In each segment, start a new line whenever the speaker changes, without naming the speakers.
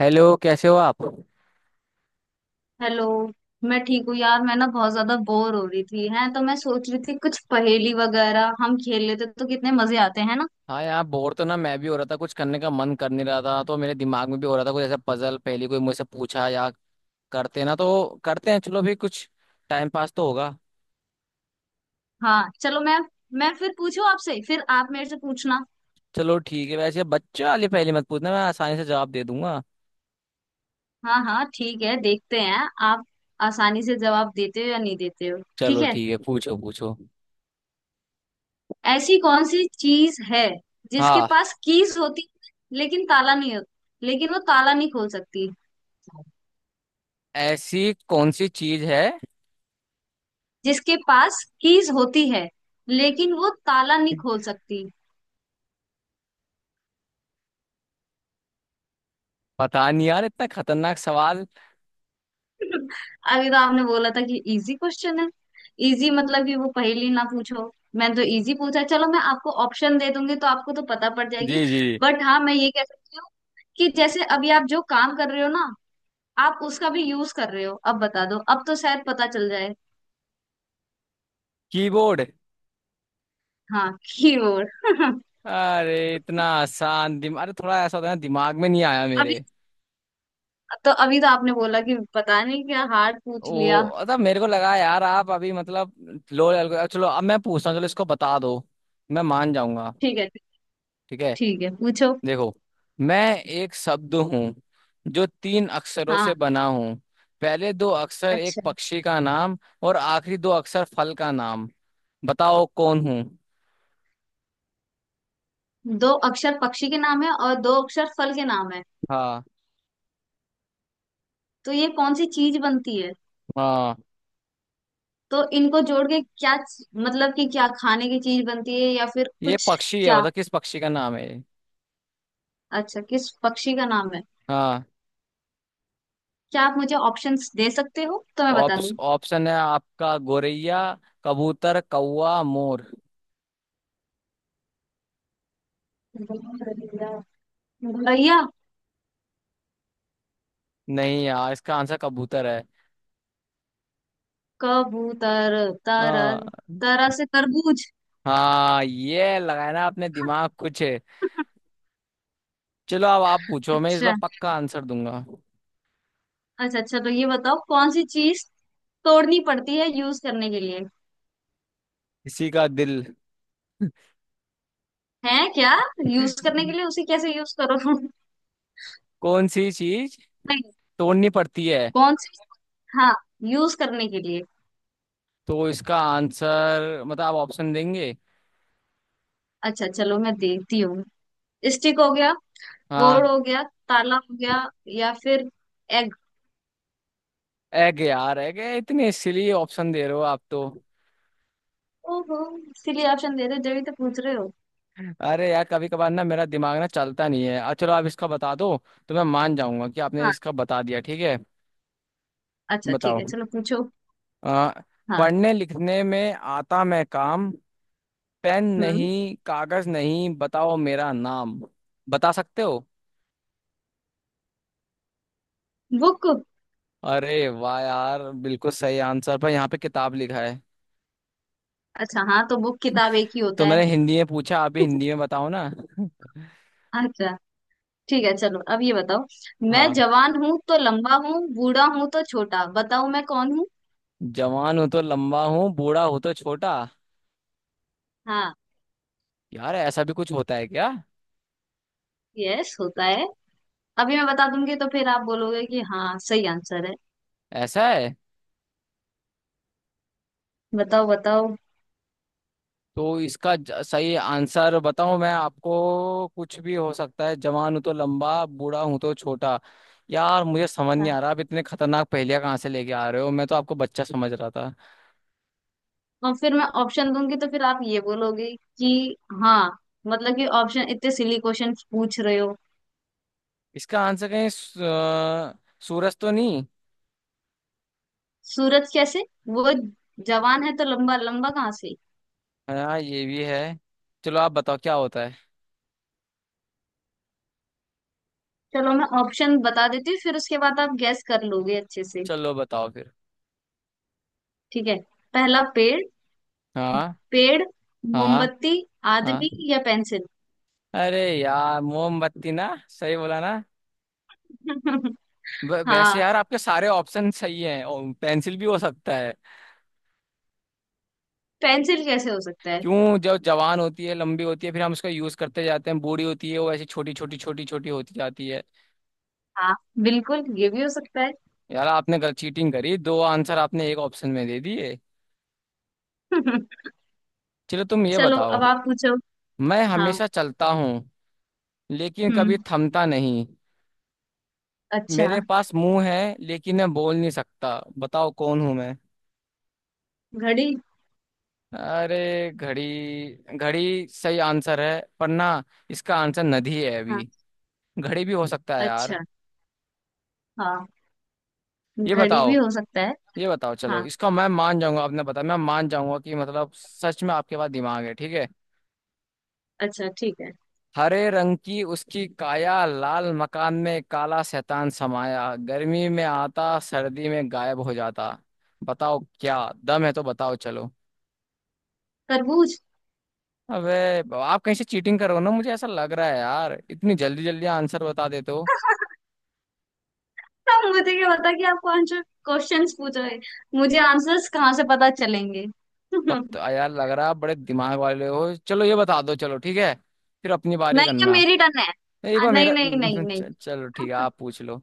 Hello, कैसे हो आप।
हेलो। मैं ठीक हूँ यार। मैं ना बहुत ज्यादा बोर हो रही थी है, तो मैं सोच रही थी कुछ पहेली वगैरह हम खेल लेते तो कितने मजे आते हैं ना।
हाँ यार, बोर तो ना मैं भी हो रहा था। कुछ करने का मन कर नहीं रहा था। तो मेरे दिमाग में भी हो रहा था कुछ ऐसा पजल पहले कोई मुझसे पूछा या करते ना तो करते हैं। चलो भी कुछ टाइम पास तो होगा।
हाँ, चलो। मैं फिर पूछूं आपसे, फिर आप मेरे से पूछना।
चलो ठीक है, वैसे बच्चा वाली पहले मत पूछना, मैं आसानी से जवाब दे दूंगा।
हाँ हाँ, ठीक है। देखते हैं आप आसानी से जवाब देते हो या नहीं देते हो। ठीक
चलो
है।
ठीक है, पूछो पूछो
ऐसी कौन सी चीज है जिसके
हाँ,
पास कीज होती है लेकिन ताला नहीं होता, लेकिन वो ताला नहीं खोल सकती।
ऐसी कौन सी चीज है।
जिसके पास कीज होती है लेकिन वो ताला नहीं खोल सकती।
पता नहीं यार, इतना खतरनाक सवाल।
अभी तो आपने बोला था कि इजी क्वेश्चन है। इजी मतलब कि वो पहेली ना पूछो। मैंने तो इजी पूछा। चलो मैं आपको ऑप्शन दे दूंगी तो आपको तो पता पड़ जाएगी।
जी जी।
बट हाँ, मैं ये कह सकती हूँ कि जैसे अभी आप जो काम कर रहे हो ना, आप उसका भी यूज कर रहे हो। अब बता दो, अब तो शायद पता चल जाए।
कीबोर्ड।
हाँ, कीबोर्ड।
अरे इतना आसान दिमाग, अरे थोड़ा ऐसा होता है ना, दिमाग में नहीं आया
अभी
मेरे।
अभी तो आपने बोला कि पता नहीं क्या हार्ड पूछ लिया।
ओ मतलब मेरे को लगा यार आप अभी मतलब लो लेवल। चलो अब मैं पूछता हूँ, चलो इसको बता दो, मैं मान जाऊंगा,
ठीक है।
ठीक है।
ठीक है, पूछो।
देखो, मैं एक शब्द हूँ जो तीन अक्षरों से
हाँ,
बना हूँ। पहले दो अक्षर एक
अच्छा।
पक्षी का नाम और आखिरी दो अक्षर फल का नाम। बताओ कौन हूँ।
दो अक्षर पक्षी के नाम है और दो अक्षर फल के नाम है,
हाँ।
तो ये कौन सी चीज बनती है?
हाँ,
तो इनको जोड़ के क्या, मतलब कि क्या खाने की चीज बनती है या फिर
ये
कुछ?
पक्षी है।
क्या?
बताओ किस पक्षी का नाम है ये?
अच्छा, किस पक्षी का नाम है?
हाँ।
क्या आप मुझे ऑप्शंस दे सकते हो तो मैं बता
ऑप्श,
दूं।
ऑप्शन है आपका: गोरैया, कबूतर, कौवा, मोर।
भैया
नहीं यार, इसका आंसर कबूतर है।
कबूतर।
हाँ,
तरल, तरह से तरबूज।
हाँ, ये लगाया ना आपने दिमाग, कुछ है। चलो अब आप पूछो, मैं इस बार
अच्छा।
पक्का आंसर दूंगा।
अच्छा अच्छा, तो ये बताओ कौन सी चीज तोड़नी पड़ती है यूज करने के लिए।
किसी का दिल।
है क्या? यूज करने के लिए उसे कैसे यूज करो?
कौन सी चीज
नहीं।
तोड़नी पड़ती है?
कौन सी? हाँ, यूज करने के लिए।
तो इसका आंसर मतलब आप ऑप्शन देंगे।
अच्छा, चलो मैं देखती हूँ। स्टिक हो गया,
हाँ।
गोल हो गया, ताला हो गया, या फिर एग।
एग यार, एग इतने इसलिए ऑप्शन दे रहे हो आप तो।
ओहो, इसीलिए ऑप्शन दे रहे हो, जब ही तो पूछ रहे हो।
अरे यार, कभी कभार ना मेरा दिमाग ना चलता नहीं है। चलो आप इसका बता दो तो मैं मान जाऊंगा कि आपने
हाँ।
इसका बता दिया, ठीक है।
अच्छा ठीक है,
बताओ।
चलो पूछो।
आ,
हाँ।
पढ़ने लिखने में आता मैं काम, पेन
हम्म।
नहीं, कागज नहीं, बताओ मेरा नाम। बता सकते हो।
बुक।
अरे वाह यार, बिल्कुल सही आंसर, पर यहाँ पे किताब लिखा है।
अच्छा हाँ, तो बुक किताब एक ही होता
तो
है।
मैंने हिंदी में पूछा, आप भी हिंदी में बताओ ना।
अच्छा ठीक है, चलो अब ये बताओ। मैं
हाँ।
जवान हूँ तो लंबा हूँ, बूढ़ा हूँ तो छोटा। बताओ मैं कौन हूँ।
जवान हो तो लंबा हूँ, बूढ़ा हो तो छोटा।
हाँ।
यार, ऐसा भी कुछ होता है क्या?
यस, होता है। अभी मैं बता दूंगी तो फिर आप बोलोगे कि हाँ, सही आंसर है।
ऐसा है?
बताओ बताओ।
तो इसका सही आंसर बताऊं मैं आपको। कुछ भी हो सकता है, जवान हूं तो लंबा बूढ़ा हूं तो छोटा। यार मुझे समझ नहीं
हाँ।
आ रहा, आप इतने खतरनाक पहेलियां कहाँ से लेके आ रहे हो, मैं तो आपको बच्चा समझ रहा था।
और फिर मैं ऑप्शन दूंगी तो फिर आप ये बोलोगे कि हाँ, मतलब कि ऑप्शन, इतने सिली क्वेश्चन पूछ रहे हो।
इसका आंसर कहीं सूरज तो नहीं।
सूरज कैसे? वो जवान है तो लंबा, लंबा कहाँ से?
हाँ ये भी है। चलो आप बताओ क्या होता है।
चलो मैं ऑप्शन बता देती हूँ, फिर उसके बाद आप गैस कर लोगे अच्छे से।
चलो बताओ फिर।
ठीक है। पहला पेड़।
हाँ।
पेड़,
हाँ।
मोमबत्ती, आदमी
हाँ।
या पेंसिल।
अरे यार, मोमबत्ती ना, सही बोला ना। वैसे
हाँ,
यार आपके सारे ऑप्शन सही हैं, और पेंसिल भी हो सकता है।
पेंसिल कैसे हो सकता है?
क्यों, जब जवान होती है लंबी होती है, फिर हम उसका यूज करते जाते हैं, बूढ़ी होती है वो ऐसी छोटी छोटी छोटी छोटी होती जाती है।
हाँ, बिल्कुल, ये भी हो सकता है।
यार आपने गलत चीटिंग करी, दो आंसर आपने एक ऑप्शन में दे दिए। चलो तुम ये
चलो
बताओ।
अब आप पूछो।
मैं
हाँ।
हमेशा चलता हूँ लेकिन कभी
हम्म।
थमता नहीं।
अच्छा।
मेरे पास मुंह है लेकिन मैं बोल नहीं सकता। बताओ कौन हूं मैं।
घड़ी।
अरे घड़ी। घड़ी सही आंसर है पर ना, इसका आंसर नदी है
हाँ।
अभी। घड़ी भी हो सकता है यार।
अच्छा, हाँ,
ये
घड़ी
बताओ।
भी हो सकता है।
ये बताओ चलो,
हाँ।
इसका मैं मान जाऊंगा, आपने बताया मैं मान जाऊंगा कि मतलब सच में आपके पास दिमाग है, ठीक है।
अच्छा ठीक है।
हरे रंग की उसकी काया, लाल मकान में काला शैतान समाया, गर्मी में आता सर्दी में गायब हो जाता। बताओ, क्या दम है तो बताओ चलो।
तरबूज।
अबे, आप कहीं से चीटिंग करो ना, मुझे ऐसा लग रहा है यार, इतनी जल्दी जल्दी आंसर बता देते हो।
अब मुझे क्या पता कि आप कौन से क्वेश्चंस पूछोगे। मुझे आंसर्स कहाँ से पता चलेंगे?
तब
नहीं।
तो यार लग रहा है आप बड़े दिमाग वाले हो। चलो ये बता दो चलो, ठीक है, फिर अपनी बारी
ये
करना।
मेरी टर्न है,
एक बार
नहीं
मेरा
नहीं नहीं नहीं।
चलो ठीक है, आप पूछ लो।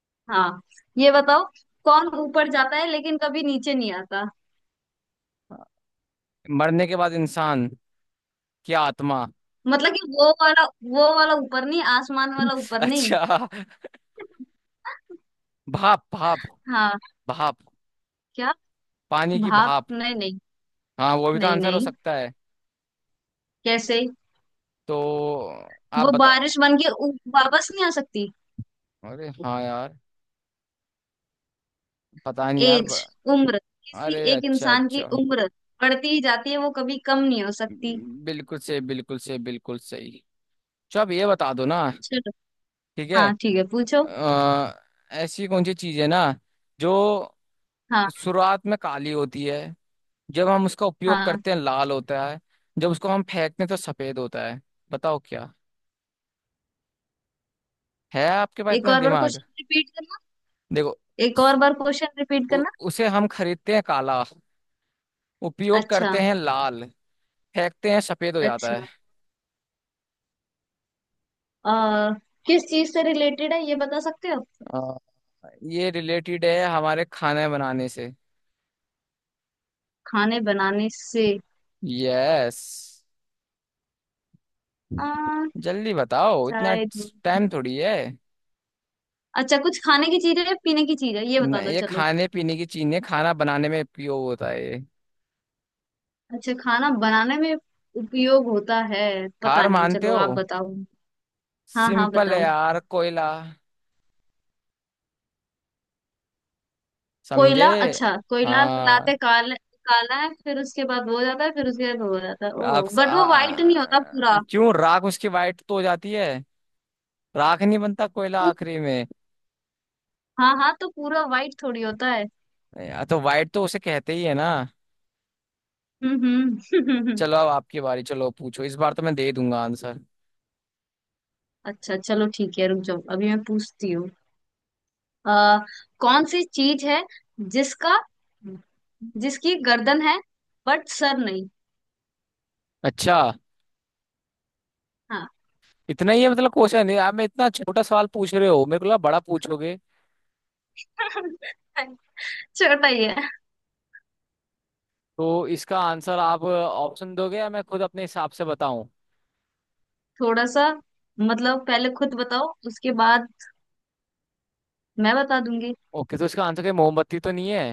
हाँ, ये बताओ। कौन ऊपर जाता है लेकिन कभी नीचे नहीं आता?
मरने के बाद इंसान, क्या आत्मा।
मतलब कि वो वाला, वो वाला ऊपर नहीं, आसमान वाला ऊपर नहीं।
अच्छा। भाप भाप
हाँ।
भाप।
क्या?
पानी की
भाप?
भाप।
नहीं नहीं।
हाँ, वो भी तो
नहीं
आंसर हो
नहीं।
सकता है।
कैसे?
तो आप
वो
बताओ।
बारिश बन के वापस नहीं आ सकती।
अरे हाँ यार। पता नहीं यार
एज, उम्र, किसी
अरे
एक
अच्छा
इंसान की
अच्छा।
उम्र बढ़ती ही जाती है, वो कभी कम नहीं हो सकती।
बिल्कुल सही, बिल्कुल सही, बिल्कुल सही। अच्छा आप ये बता दो ना।
चलो।
ठीक है।
हाँ ठीक है, पूछो।
अ, ऐसी कौन सी चीज है ना जो
हाँ।
शुरुआत में काली होती है, जब हम उसका उपयोग
हाँ।
करते हैं लाल होता है, जब उसको हम फेंकते हैं तो सफेद होता है। बताओ क्या है, आपके पास
एक
इतना
और बार
दिमाग।
क्वेश्चन रिपीट करना।
देखो,
एक और बार क्वेश्चन रिपीट करना।
उसे हम खरीदते हैं काला, उपयोग
अच्छा।
करते हैं लाल, फेंकते हैं सफेद हो जाता
अच्छा।
है।
आ, किस चीज से रिलेटेड है, ये बता सकते हो?
अ, ये रिलेटेड है हमारे खाने बनाने से।
खाने बनाने से?
यस।
आ,
जल्दी बताओ, इतना
चाय, दूध।
टाइम थोड़ी है।
अच्छा, कुछ खाने की चीज है या पीने की चीज है? ये बता दो
ये
चलो।
खाने पीने की चीज नहीं, खाना बनाने में उपयोग होता है ये।
अच्छा, खाना बनाने में उपयोग होता है। पता
हार
नहीं,
मानते
चलो
हो?
आप बताओ। हाँ हाँ,
सिंपल है
बताओ।
यार, कोयला। समझे।
कोयला? अच्छा, कोयला
हाँ।
लाते काल, काला है, फिर उसके बाद वो हो जाता है, फिर उसके बाद वो हो जाता है, ओ
आप स- आ,
बट वो वाइट नहीं होता
आ,
पूरा।
क्यों, राख उसकी वाइट तो हो जाती है। राख नहीं बनता कोयला
पू-
आखिरी में।
हाँ हाँ, तो पूरा वाइट थोड़ी होता है।
या तो वाइट तो उसे कहते ही है ना।
हम्म। हम्म।
चलो अब आपकी बारी, चलो पूछो, इस बार तो मैं दे दूंगा आंसर।
अच्छा चलो ठीक है, रुक जाओ, अभी मैं पूछती हूँ। आ कौन सी चीज है, जिसका, जिसकी गर्दन है बट सर नहीं?
अच्छा,
हाँ।
इतना ही है मतलब क्वेश्चन है आप, मैं इतना छोटा सवाल पूछ रहे हो, मेरे को लगा बड़ा पूछोगे।
छोटा ही है।
तो इसका आंसर आप ऑप्शन दोगे या मैं खुद अपने हिसाब से बताऊं?
थोड़ा सा, मतलब पहले खुद बताओ उसके बाद मैं बता दूंगी।
ओके, तो इसका आंसर क्या है? मोमबत्ती तो नहीं है।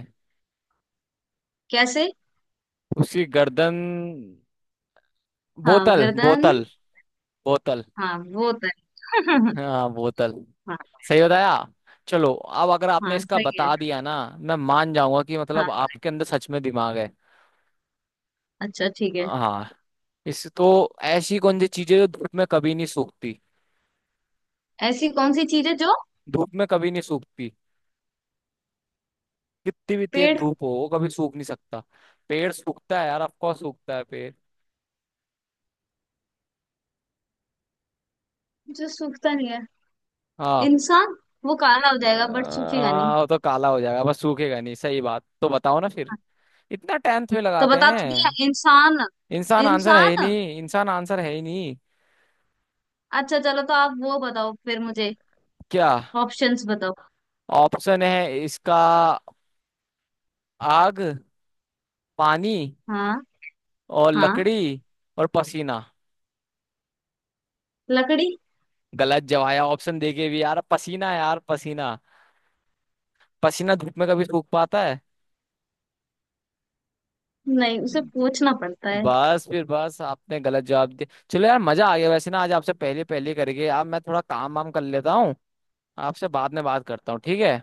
कैसे?
उसकी गर्दन।
हाँ,
बोतल
गर्दन।
बोतल बोतल।
हाँ, वो तो है।
हाँ बोतल।
हाँ।
सही बताया। चलो अब अगर आपने
हाँ
इसका
सही है।
बता दिया ना, मैं मान जाऊंगा कि मतलब
हाँ।
आपके अंदर सच में दिमाग है।
अच्छा ठीक है।
हाँ। इस तो, ऐसी कौन सी चीजें जो धूप में कभी नहीं सूखती।
ऐसी कौन सी चीज है जो,
धूप में कभी नहीं सूखती। कितनी भी तेज
पेड़?
धूप हो, वो कभी सूख नहीं सकता। पेड़ सूखता है यार, ऑफकोर्स सूखता है पेड़।
जो सूखता नहीं है।
हाँ।
इंसान। वो काला हो जाएगा बट सूखेगा नहीं।
वो तो काला हो जाएगा बस सूखेगा नहीं, सही बात तो बताओ ना फिर।
हाँ,
इतना टेंथ में
तो
लगाते
बता तो दिया,
हैं।
इंसान।
इंसान आंसर है ही
इंसान।
नहीं, इंसान आंसर है ही नहीं।
अच्छा, चलो तो आप वो बताओ फिर मुझे।
क्या?
ऑप्शंस बताओ।
ऑप्शन है इसका: आग, पानी
हाँ।
और
हाँ।
लकड़ी और पसीना।
लकड़ी।
गलत जवाब है, ऑप्शन देके भी यार, पसीना यार, पसीना। पसीना धूप में कभी सूख पाता है।
नहीं, उसे पूछना पड़ता है।
बस फिर बस आपने गलत जवाब दिया। चलो यार मजा आ गया वैसे ना, आज आपसे पहले पहले करके, अब मैं थोड़ा काम वाम कर लेता हूँ। आपसे बाद में बात करता हूँ, ठीक है।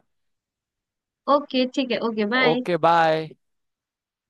ओके ठीक है। Okay, bye.
Okay bye.